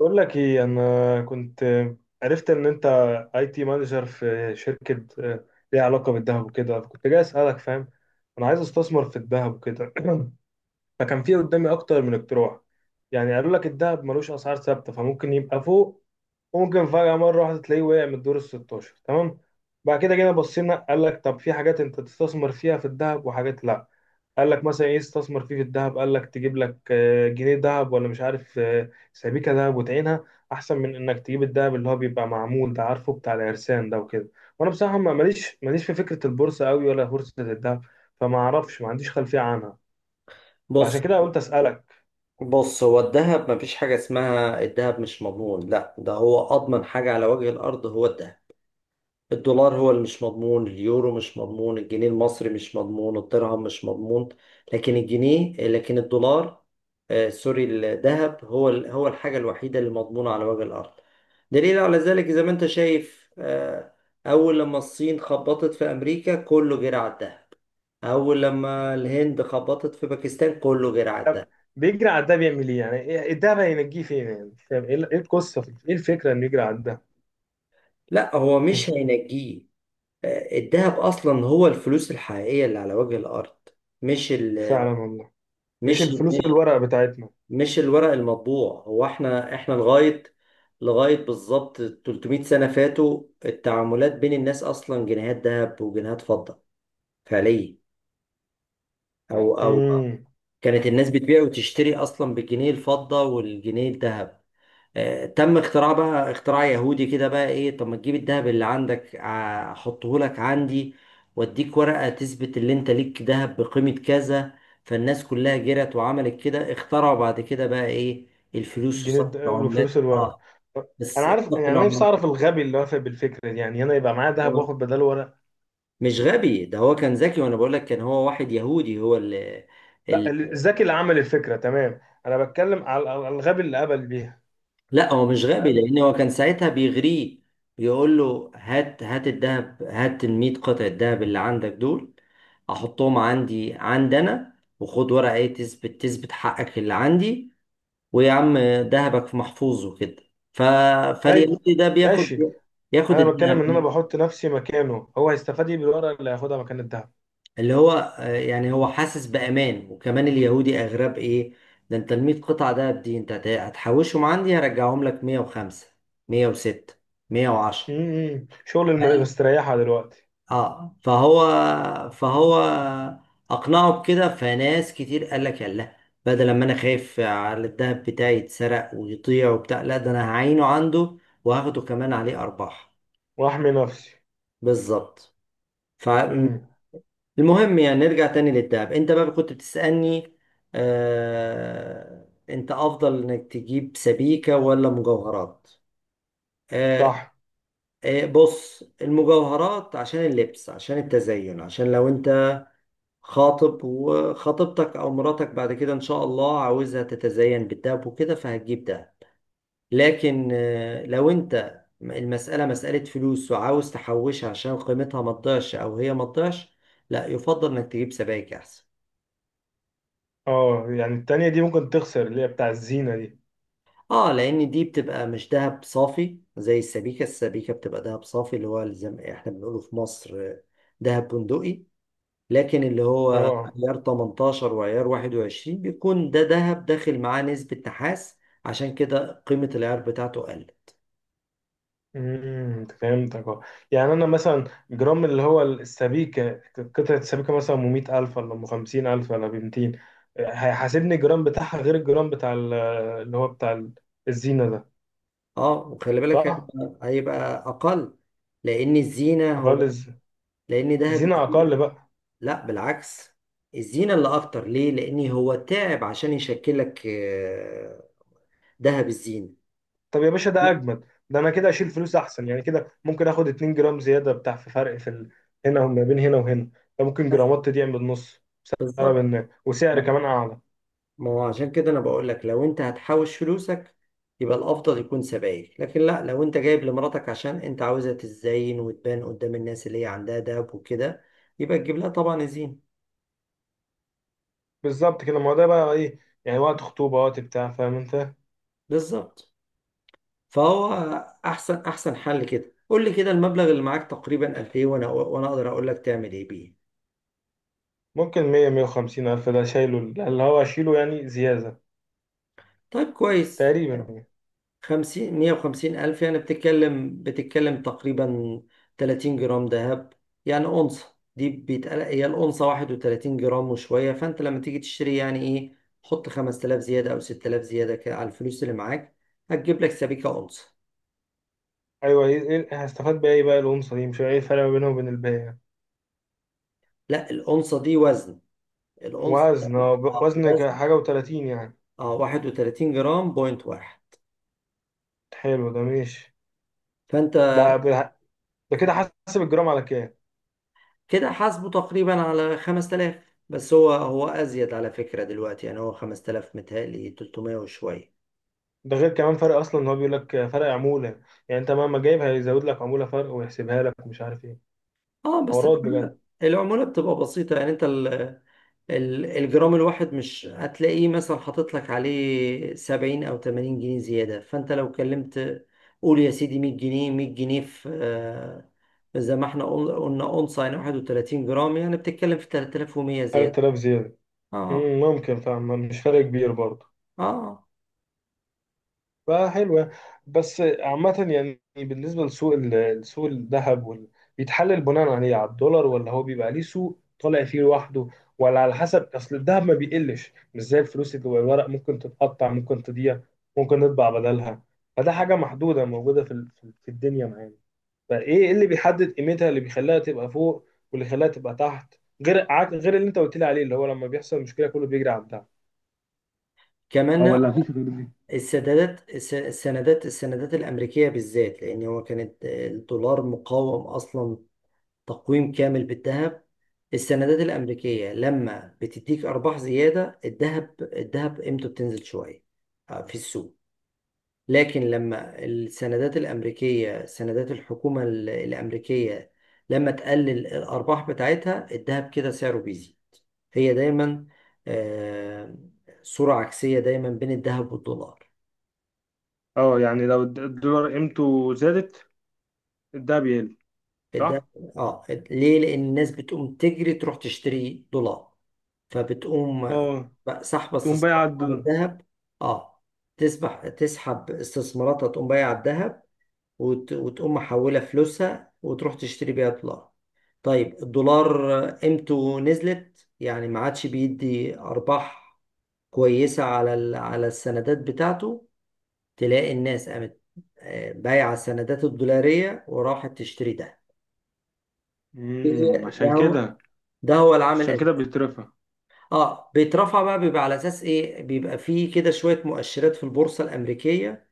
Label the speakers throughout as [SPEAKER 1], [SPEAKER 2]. [SPEAKER 1] بقول لك ايه؟ انا كنت عرفت ان انت اي تي مانجر في شركه، ليها علاقه بالذهب وكده، كنت جاي اسالك، فاهم؟ انا عايز استثمر في الذهب وكده. فكان في قدامي اكتر من اقتراح، يعني قالوا لك الذهب ملوش اسعار ثابته، فممكن يبقى فوق وممكن فجأة مرة واحدة تلاقيه وقع من الدور ال 16، تمام. بعد كده جينا بصينا، قال لك طب في حاجات انت تستثمر فيها في الذهب وحاجات لا. قال لك مثلا ايه استثمر فيه في الذهب؟ قال لك تجيب لك جنيه ذهب، ولا مش عارف سبيكة ذهب وتعينها، احسن من انك تجيب الذهب اللي هو بيبقى معمول ده، عارفه بتاع العرسان ده وكده. وانا بصراحة ماليش في فكرة البورصة قوي ولا بورصة الذهب، فما اعرفش، ما عنديش خلفية عنها، فعشان
[SPEAKER 2] بص،
[SPEAKER 1] كده قلت اسألك.
[SPEAKER 2] بص، هو الذهب مفيش حاجة اسمها الذهب مش مضمون. لا، ده هو أضمن حاجة على وجه الأرض، هو الذهب. الدولار هو اللي مش مضمون، اليورو مش مضمون، الجنيه المصري مش مضمون، الدرهم مش مضمون. لكن الجنيه، لكن الدولار، آه سوري، الذهب هو هو الحاجة الوحيدة اللي مضمونة على وجه الأرض. دليل على ذلك زي ما أنت شايف، آه أول لما الصين خبطت في أمريكا كله جرى على الذهب، أول لما الهند خبطت في باكستان كله جرى على
[SPEAKER 1] طب
[SPEAKER 2] الذهب.
[SPEAKER 1] بيجري على ده بيعمل ايه يعني؟ ده بقى ينجيه فين يعني؟ مش فاهم ايه إيه القصه، ايه الفكره انه يجري على ده.
[SPEAKER 2] لا، هو مش هينجيه. الذهب اصلا هو الفلوس الحقيقيه اللي على وجه الارض، مش ال
[SPEAKER 1] فعلا والله. مش
[SPEAKER 2] مش
[SPEAKER 1] الفلوس
[SPEAKER 2] مش
[SPEAKER 1] الورق بتاعتنا.
[SPEAKER 2] مش الورق المطبوع. هو احنا لغايه بالظبط 300 سنه فاتوا، التعاملات بين الناس اصلا جنيهات ذهب وجنيهات فضه، فعليا. او
[SPEAKER 1] امم.
[SPEAKER 2] كانت الناس بتبيع وتشتري اصلا بالجنيه الفضه والجنيه الذهب. تم اختراع بقى، اختراع يهودي كده، بقى ايه؟ طب ما تجيب الذهب اللي عندك، احطه لك عندي واديك ورقة تثبت اللي انت ليك ذهب بقيمة كذا. فالناس كلها جرت وعملت كده. اخترعوا بعد كده بقى ايه؟ الفلوس وصرف
[SPEAKER 1] الفلوس
[SPEAKER 2] العملات.
[SPEAKER 1] الورق.
[SPEAKER 2] اه،
[SPEAKER 1] طب انا
[SPEAKER 2] بس
[SPEAKER 1] عارف،
[SPEAKER 2] صرف
[SPEAKER 1] يعني انا نفسي اعرف
[SPEAKER 2] العملات.
[SPEAKER 1] الغبي اللي وافق بالفكره دي، يعني انا يبقى معايا ذهب
[SPEAKER 2] هو
[SPEAKER 1] واخد بداله ورق؟
[SPEAKER 2] مش غبي، ده هو كان ذكي، وانا بقول لك كان هو واحد يهودي، هو اللي،
[SPEAKER 1] لا الذكي اللي عمل الفكره تمام، انا بتكلم على الغبي اللي قبل بيها،
[SPEAKER 2] لا هو مش غبي
[SPEAKER 1] فاهم؟
[SPEAKER 2] لان هو كان ساعتها بيغريه، بيقول له هات، هات الذهب، هات ال 100 قطعة الذهب اللي عندك دول احطهم عندي عندنا، وخد ورقة ايه، تثبت حقك اللي عندي، ويا عم، ذهبك محفوظ وكده. ف
[SPEAKER 1] طيب
[SPEAKER 2] فاليهودي ده بياخد،
[SPEAKER 1] ماشي.
[SPEAKER 2] ياخد
[SPEAKER 1] انا بتكلم ان انا
[SPEAKER 2] الذهب
[SPEAKER 1] بحط نفسي مكانه، هو هيستفاد ايه بالورق اللي هياخدها مكان الذهب؟
[SPEAKER 2] اللي هو، يعني هو حاسس بأمان، وكمان اليهودي أغرب إيه، ده أنت ال 100 قطعة دهب دي أنت هتحوشهم عندي، هرجعهم لك 105، 106، 110.
[SPEAKER 1] شغل المستريحه دلوقتي.
[SPEAKER 2] اه، فهو اقنعه بكده، فناس كتير قال لك يلا، بدل ما انا خايف على الدهب بتاعي يتسرق ويضيع وبتاع، لا ده انا هعينه عنده وهاخده كمان عليه ارباح.
[SPEAKER 1] واحمي نفسي.
[SPEAKER 2] بالظبط. فالمهم،
[SPEAKER 1] امم،
[SPEAKER 2] يعني نرجع تاني للدهب، انت بقى كنت بتسألني آه انت افضل انك تجيب سبيكة ولا مجوهرات. آه،
[SPEAKER 1] صح.
[SPEAKER 2] آه بص، المجوهرات عشان اللبس، عشان التزين، عشان لو انت خاطب وخطيبتك او مراتك بعد كده ان شاء الله عاوزها تتزين بالدهب وكده فهتجيب ده. لكن لو انت المسألة مسألة فلوس وعاوز تحوشها عشان قيمتها ما تضيعش او هي ما تضيعش، لا يفضل انك تجيب سبائك احسن.
[SPEAKER 1] اه، يعني التانية دي ممكن تخسر، اللي هي بتاع الزينة دي.
[SPEAKER 2] اه، لان دي بتبقى مش دهب صافي زي السبيكة. السبيكة بتبقى دهب صافي، اللي هو زي ما احنا بنقوله في مصر دهب بندقي. لكن اللي هو
[SPEAKER 1] اه.
[SPEAKER 2] عيار 18 وعيار 21 بيكون ده ذهب داخل معاه نسبة نحاس، عشان كده قيمة العيار بتاعته قل.
[SPEAKER 1] فهمتك. اه يعني انا مثلا جرام، اللي هو السبيكة، قطعة السبيكة، مثلا ام 100,000 ولا ام 50,000 ولا ب 200، هيحاسبني الجرام بتاعها غير الجرام بتاع اللي هو بتاع الزينة ده،
[SPEAKER 2] اه، وخلي بالك
[SPEAKER 1] صح؟
[SPEAKER 2] هيبقى، هيبقى أقل. لأن الزينة
[SPEAKER 1] اقل
[SPEAKER 2] هو، لأن ذهب،
[SPEAKER 1] الزينة اقل بقى.
[SPEAKER 2] لا بالعكس، الزينة اللي أكتر. ليه؟ لأن هو تعب عشان يشكل لك ذهب الزينة.
[SPEAKER 1] طب يا باشا ده اجمد، ده انا كده اشيل فلوس احسن، يعني كده ممكن اخد 2 جرام زياده، بتاع في فرق في هنا وما بين هنا وهنا، ده ممكن
[SPEAKER 2] بس
[SPEAKER 1] جرامات تضيع بالنص، سبب
[SPEAKER 2] بالظبط.
[SPEAKER 1] ان وسعر كمان اعلى.
[SPEAKER 2] ما هو عشان كده انا بقول لك لو انت هتحوش فلوسك يبقى الافضل يكون سبائك. لكن لا، لو انت جايب لمراتك عشان انت عاوزها تتزين وتبان قدام الناس اللي هي عندها دهب وكده، يبقى تجيب لها طبعا زين.
[SPEAKER 1] بالظبط كده، ما هو ده بقى ايه، يعني وقت خطوبه وقت بتاع، فاهم انت؟
[SPEAKER 2] بالظبط. فهو احسن احسن حل كده. قول لي كده المبلغ اللي معاك تقريبا قد ايه، وانا اقدر اقول لك تعمل ايه بيه.
[SPEAKER 1] ممكن 100، 150 الف، ده شايله اللي هو اشيله يعني زياده،
[SPEAKER 2] طيب كويس،
[SPEAKER 1] تقريبا يعني.
[SPEAKER 2] خمسين، مية وخمسين ألف يعني، بتتكلم تقريبا تلاتين جرام ذهب. يعني أونصة دي بيتقال هي الأونصة واحد وتلاتين جرام وشوية. فأنت لما تيجي تشتري يعني إيه، حط خمس تلاف زيادة أو ست تلاف زيادة كده على الفلوس اللي معاك، هتجيب لك سبيكة أونصة.
[SPEAKER 1] ايوه، إيه، هستفاد بايه بقى الانثى دي؟ مش عارف ايه الفرق ما بينها وبين الباقي يعني.
[SPEAKER 2] لا، الأونصة دي وزن، الأونصة ده
[SPEAKER 1] وزن، وزن،
[SPEAKER 2] وزن.
[SPEAKER 1] حاجه و30 يعني.
[SPEAKER 2] اه، واحد وتلاتين جرام بوينت واحد.
[SPEAKER 1] حلو، ده ماشي.
[SPEAKER 2] فأنت
[SPEAKER 1] ده ده كده حسب الجرام على كام؟
[SPEAKER 2] كده حاسبه تقريبا على خمس تلاف. بس هو، هو أزيد على فكرة دلوقتي، يعني هو خمس تلاف متهيألي تلتمية وشوية.
[SPEAKER 1] ده غير كمان فرق اصلا ان هو بيقول لك فرق عموله، يعني انت مهما جايب هيزود لك عموله فرق ويحسبها لك، مش عارف ايه،
[SPEAKER 2] اه بس
[SPEAKER 1] حوارات بجد.
[SPEAKER 2] العمولة، العمولة بتبقى بسيطة. يعني انت الجرام الواحد مش هتلاقيه مثلا حاطط لك عليه 70 او 80 جنيه زيادة. فانت لو كلمت قول يا سيدي 100 جنيه، 100 جنيه في زي ما احنا قلنا اونصه، يعني 31 جرام، يعني بتتكلم في 3100 زيادة.
[SPEAKER 1] 3,000 زياده.
[SPEAKER 2] اه.
[SPEAKER 1] ممكن، فاهم؟ مش فرق كبير برضه،
[SPEAKER 2] اه
[SPEAKER 1] فحلوه. بس عامه يعني، بالنسبه لسوق سوق الذهب، بيتحلل بناء عليه على الدولار، ولا هو بيبقى ليه سوق طالع فيه لوحده، ولا على حسب اصل الذهب ما بيقلش، مش زي الفلوس اللي جوه الورق، ممكن تتقطع ممكن تضيع ممكن نطبع بدلها، فده حاجه محدوده موجوده في في الدنيا معانا. فايه اللي بيحدد قيمتها، اللي بيخليها تبقى فوق واللي يخليها تبقى تحت، غير غير اللي انت قلت لي عليه، اللي هو لما بيحصل مشكله كله بيجري على الدهب. اه،
[SPEAKER 2] كمان،
[SPEAKER 1] ولا مفيش غير دي؟
[SPEAKER 2] السندات الامريكية بالذات، لان هو كانت الدولار مقاوم اصلا، تقويم كامل بالذهب. السندات الأمريكية لما بتديك أرباح زيادة، الذهب قيمته بتنزل شوية في السوق. لكن لما السندات الأمريكية، سندات الحكومة الأمريكية، لما تقلل الأرباح بتاعتها، الذهب كده سعره بيزيد. هي دايما آه، صورة عكسية دايما بين الذهب والدولار.
[SPEAKER 1] اه، يعني لو الدولار قيمته زادت، الدهب يقل،
[SPEAKER 2] الذهب،
[SPEAKER 1] صح.
[SPEAKER 2] اه، ليه؟ لأن الناس بتقوم تجري تروح تشتري دولار، فبتقوم
[SPEAKER 1] اه،
[SPEAKER 2] بقى سحب
[SPEAKER 1] تقوم بايع
[SPEAKER 2] استثماراتها من
[SPEAKER 1] الدولار.
[SPEAKER 2] الذهب. اه، تسبح، تسحب استثماراتها، تقوم بايعة الذهب، وتقوم محولة فلوسها وتروح تشتري بيها دولار. طيب، الدولار قيمته نزلت، يعني ما عادش بيدي أرباح كويسة على على السندات بتاعته، تلاقي الناس قامت بايعة السندات الدولارية وراحت تشتري ده.
[SPEAKER 1] امم
[SPEAKER 2] ده
[SPEAKER 1] عشان
[SPEAKER 2] هو
[SPEAKER 1] كده
[SPEAKER 2] ده هو العامل
[SPEAKER 1] عشان كده
[SPEAKER 2] الأساسي.
[SPEAKER 1] بيترفع.
[SPEAKER 2] اه بيترفع بقى، بيبقى على اساس ايه؟ بيبقى فيه كده شويه مؤشرات في البورصه الامريكيه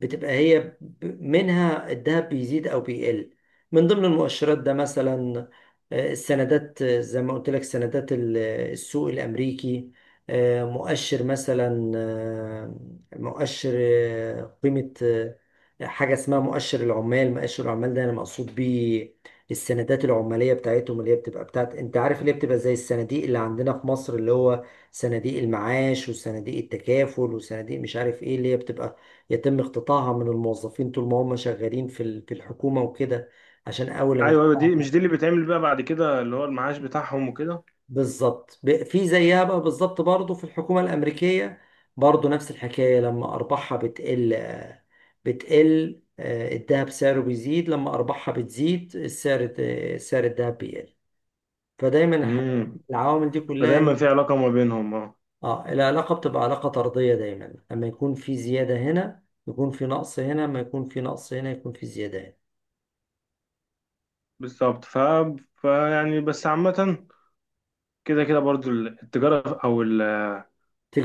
[SPEAKER 2] بتبقى منها الذهب بيزيد او بيقل. من ضمن المؤشرات ده مثلا السندات، زي ما قلت لك سندات السوق الامريكي، مؤشر مثلا مؤشر قيمة حاجة اسمها مؤشر العمال. مؤشر العمال ده انا مقصود بيه السندات العمالية بتاعتهم، اللي هي بتبقى بتاعت انت عارف اللي هي بتبقى زي الصناديق اللي عندنا في مصر، اللي هو صناديق المعاش وصناديق التكافل وصناديق مش عارف ايه اللي هي بتبقى يتم اقتطاعها من الموظفين طول ما هم شغالين في في الحكومة وكده. عشان أول ما
[SPEAKER 1] ايوه، ايوه، دي
[SPEAKER 2] تقطعها
[SPEAKER 1] مش دي اللي بيتعمل بقى بعد كده، اللي هو المعاش بتاعهم وكده.
[SPEAKER 2] بالظبط، في زيها بقى بالظبط برضه في الحكومة الأمريكية، برضه نفس الحكاية. لما أرباحها بتقل بتقل الذهب سعره بيزيد، لما أرباحها بتزيد السعر سعر الذهب بيقل. فدايما الحاجات،
[SPEAKER 1] امم
[SPEAKER 2] العوامل دي كلها هي،
[SPEAKER 1] فدايما في علاقة ما بينهم. اه،
[SPEAKER 2] اه، العلاقة بتبقى علاقة طردية دايما، لما يكون في زيادة هنا يكون في نقص هنا، ما يكون في نقص هنا يكون في زيادة هنا.
[SPEAKER 1] بالظبط. فيعني بس عامة، كده كده برضو التجارة أو ال،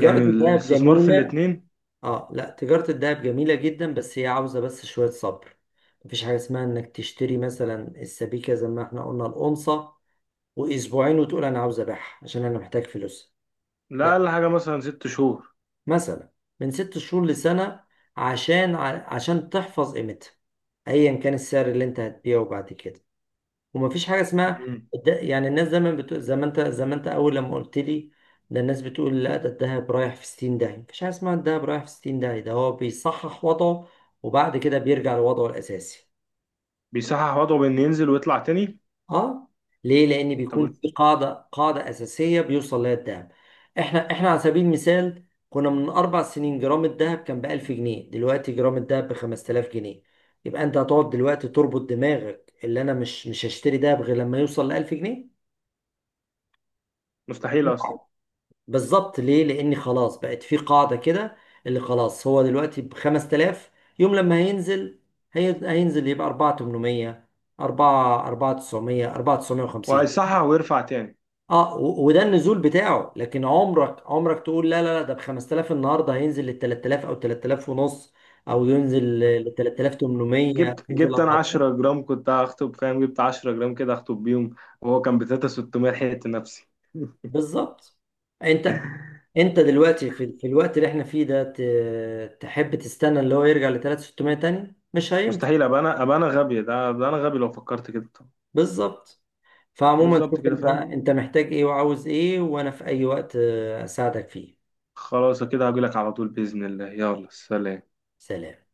[SPEAKER 1] يعني
[SPEAKER 2] الذهب
[SPEAKER 1] الاستثمار في
[SPEAKER 2] جميلة.
[SPEAKER 1] الاتنين.
[SPEAKER 2] اه لا، تجارة الذهب جميلة جدا، بس هي عاوزة بس شوية صبر. مفيش حاجة اسمها انك تشتري مثلا السبيكة زي ما احنا قلنا الأونصة وأسبوعين وتقول أنا عاوز أبيعها عشان أنا محتاج فلوس.
[SPEAKER 1] لا
[SPEAKER 2] لا،
[SPEAKER 1] أقل حاجة مثلا ست شهور.
[SPEAKER 2] مثلا من ست شهور لسنة، عشان عشان تحفظ قيمتها أيا كان السعر اللي أنت هتبيعه بعد كده. ومفيش حاجه اسمها
[SPEAKER 1] مم.
[SPEAKER 2] ده، يعني الناس دايما بتقول زي ما انت، زي ما انت اول لما قلت لي، ده الناس بتقول لا ده الدهب رايح في 60 داهيه. مفيش حاجه اسمها الدهب رايح في 60 داهيه، ده هو بيصحح وضعه وبعد كده بيرجع لوضعه الاساسي.
[SPEAKER 1] بيصحح وضعه بإن ينزل ويطلع تاني.
[SPEAKER 2] اه، ليه؟ لان بيكون
[SPEAKER 1] طب
[SPEAKER 2] في قاعده، قاعده اساسيه بيوصل لها الدهب. احنا على سبيل المثال كنا من اربع سنين جرام الدهب كان ب 1000 جنيه، دلوقتي جرام الدهب ب 5000 جنيه. يبقى انت هتقعد دلوقتي تربط دماغك اللي انا مش هشتري دهب غير لما يوصل ل 1000 جنيه؟
[SPEAKER 1] مستحيل أصلا.
[SPEAKER 2] بالظبط، ليه؟ لان خلاص بقت في قاعده كده، اللي خلاص هو دلوقتي ب 5000. يوم لما هينزل، هينزل يبقى 4800، 4، 4900، 4950.
[SPEAKER 1] وهيصحح ويرفع تاني.
[SPEAKER 2] اه، وده النزول بتاعه. لكن عمرك، عمرك تقول لا لا لا، ده ب 5000 النهارده، هينزل لل 3000 او 3000 ونص، او ينزل ل 3800،
[SPEAKER 1] جبت
[SPEAKER 2] ينزل
[SPEAKER 1] جبت أنا
[SPEAKER 2] 4000.
[SPEAKER 1] 10 جرام، كنت هخطب، فاهم؟ جبت 10 جرام كده هخطب بيهم، وهو كان ب 3,600، لحقت نفسي.
[SPEAKER 2] بالظبط. انت، انت دلوقتي في، في الوقت اللي احنا فيه ده تحب تستنى اللي هو يرجع ل 3600 تاني؟ مش هينفع.
[SPEAKER 1] مستحيل أبقى أنا غبي، ده أبقى أنا غبي لو فكرت كده. طب
[SPEAKER 2] بالظبط. فعموما شوف
[SPEAKER 1] بالظبط كده،
[SPEAKER 2] انت،
[SPEAKER 1] فاهم؟
[SPEAKER 2] انت محتاج ايه وعاوز ايه، وانا في اي وقت اساعدك فيه.
[SPEAKER 1] خلاص، كده هجيلك على طول بإذن الله، يلا سلام.
[SPEAKER 2] سلام.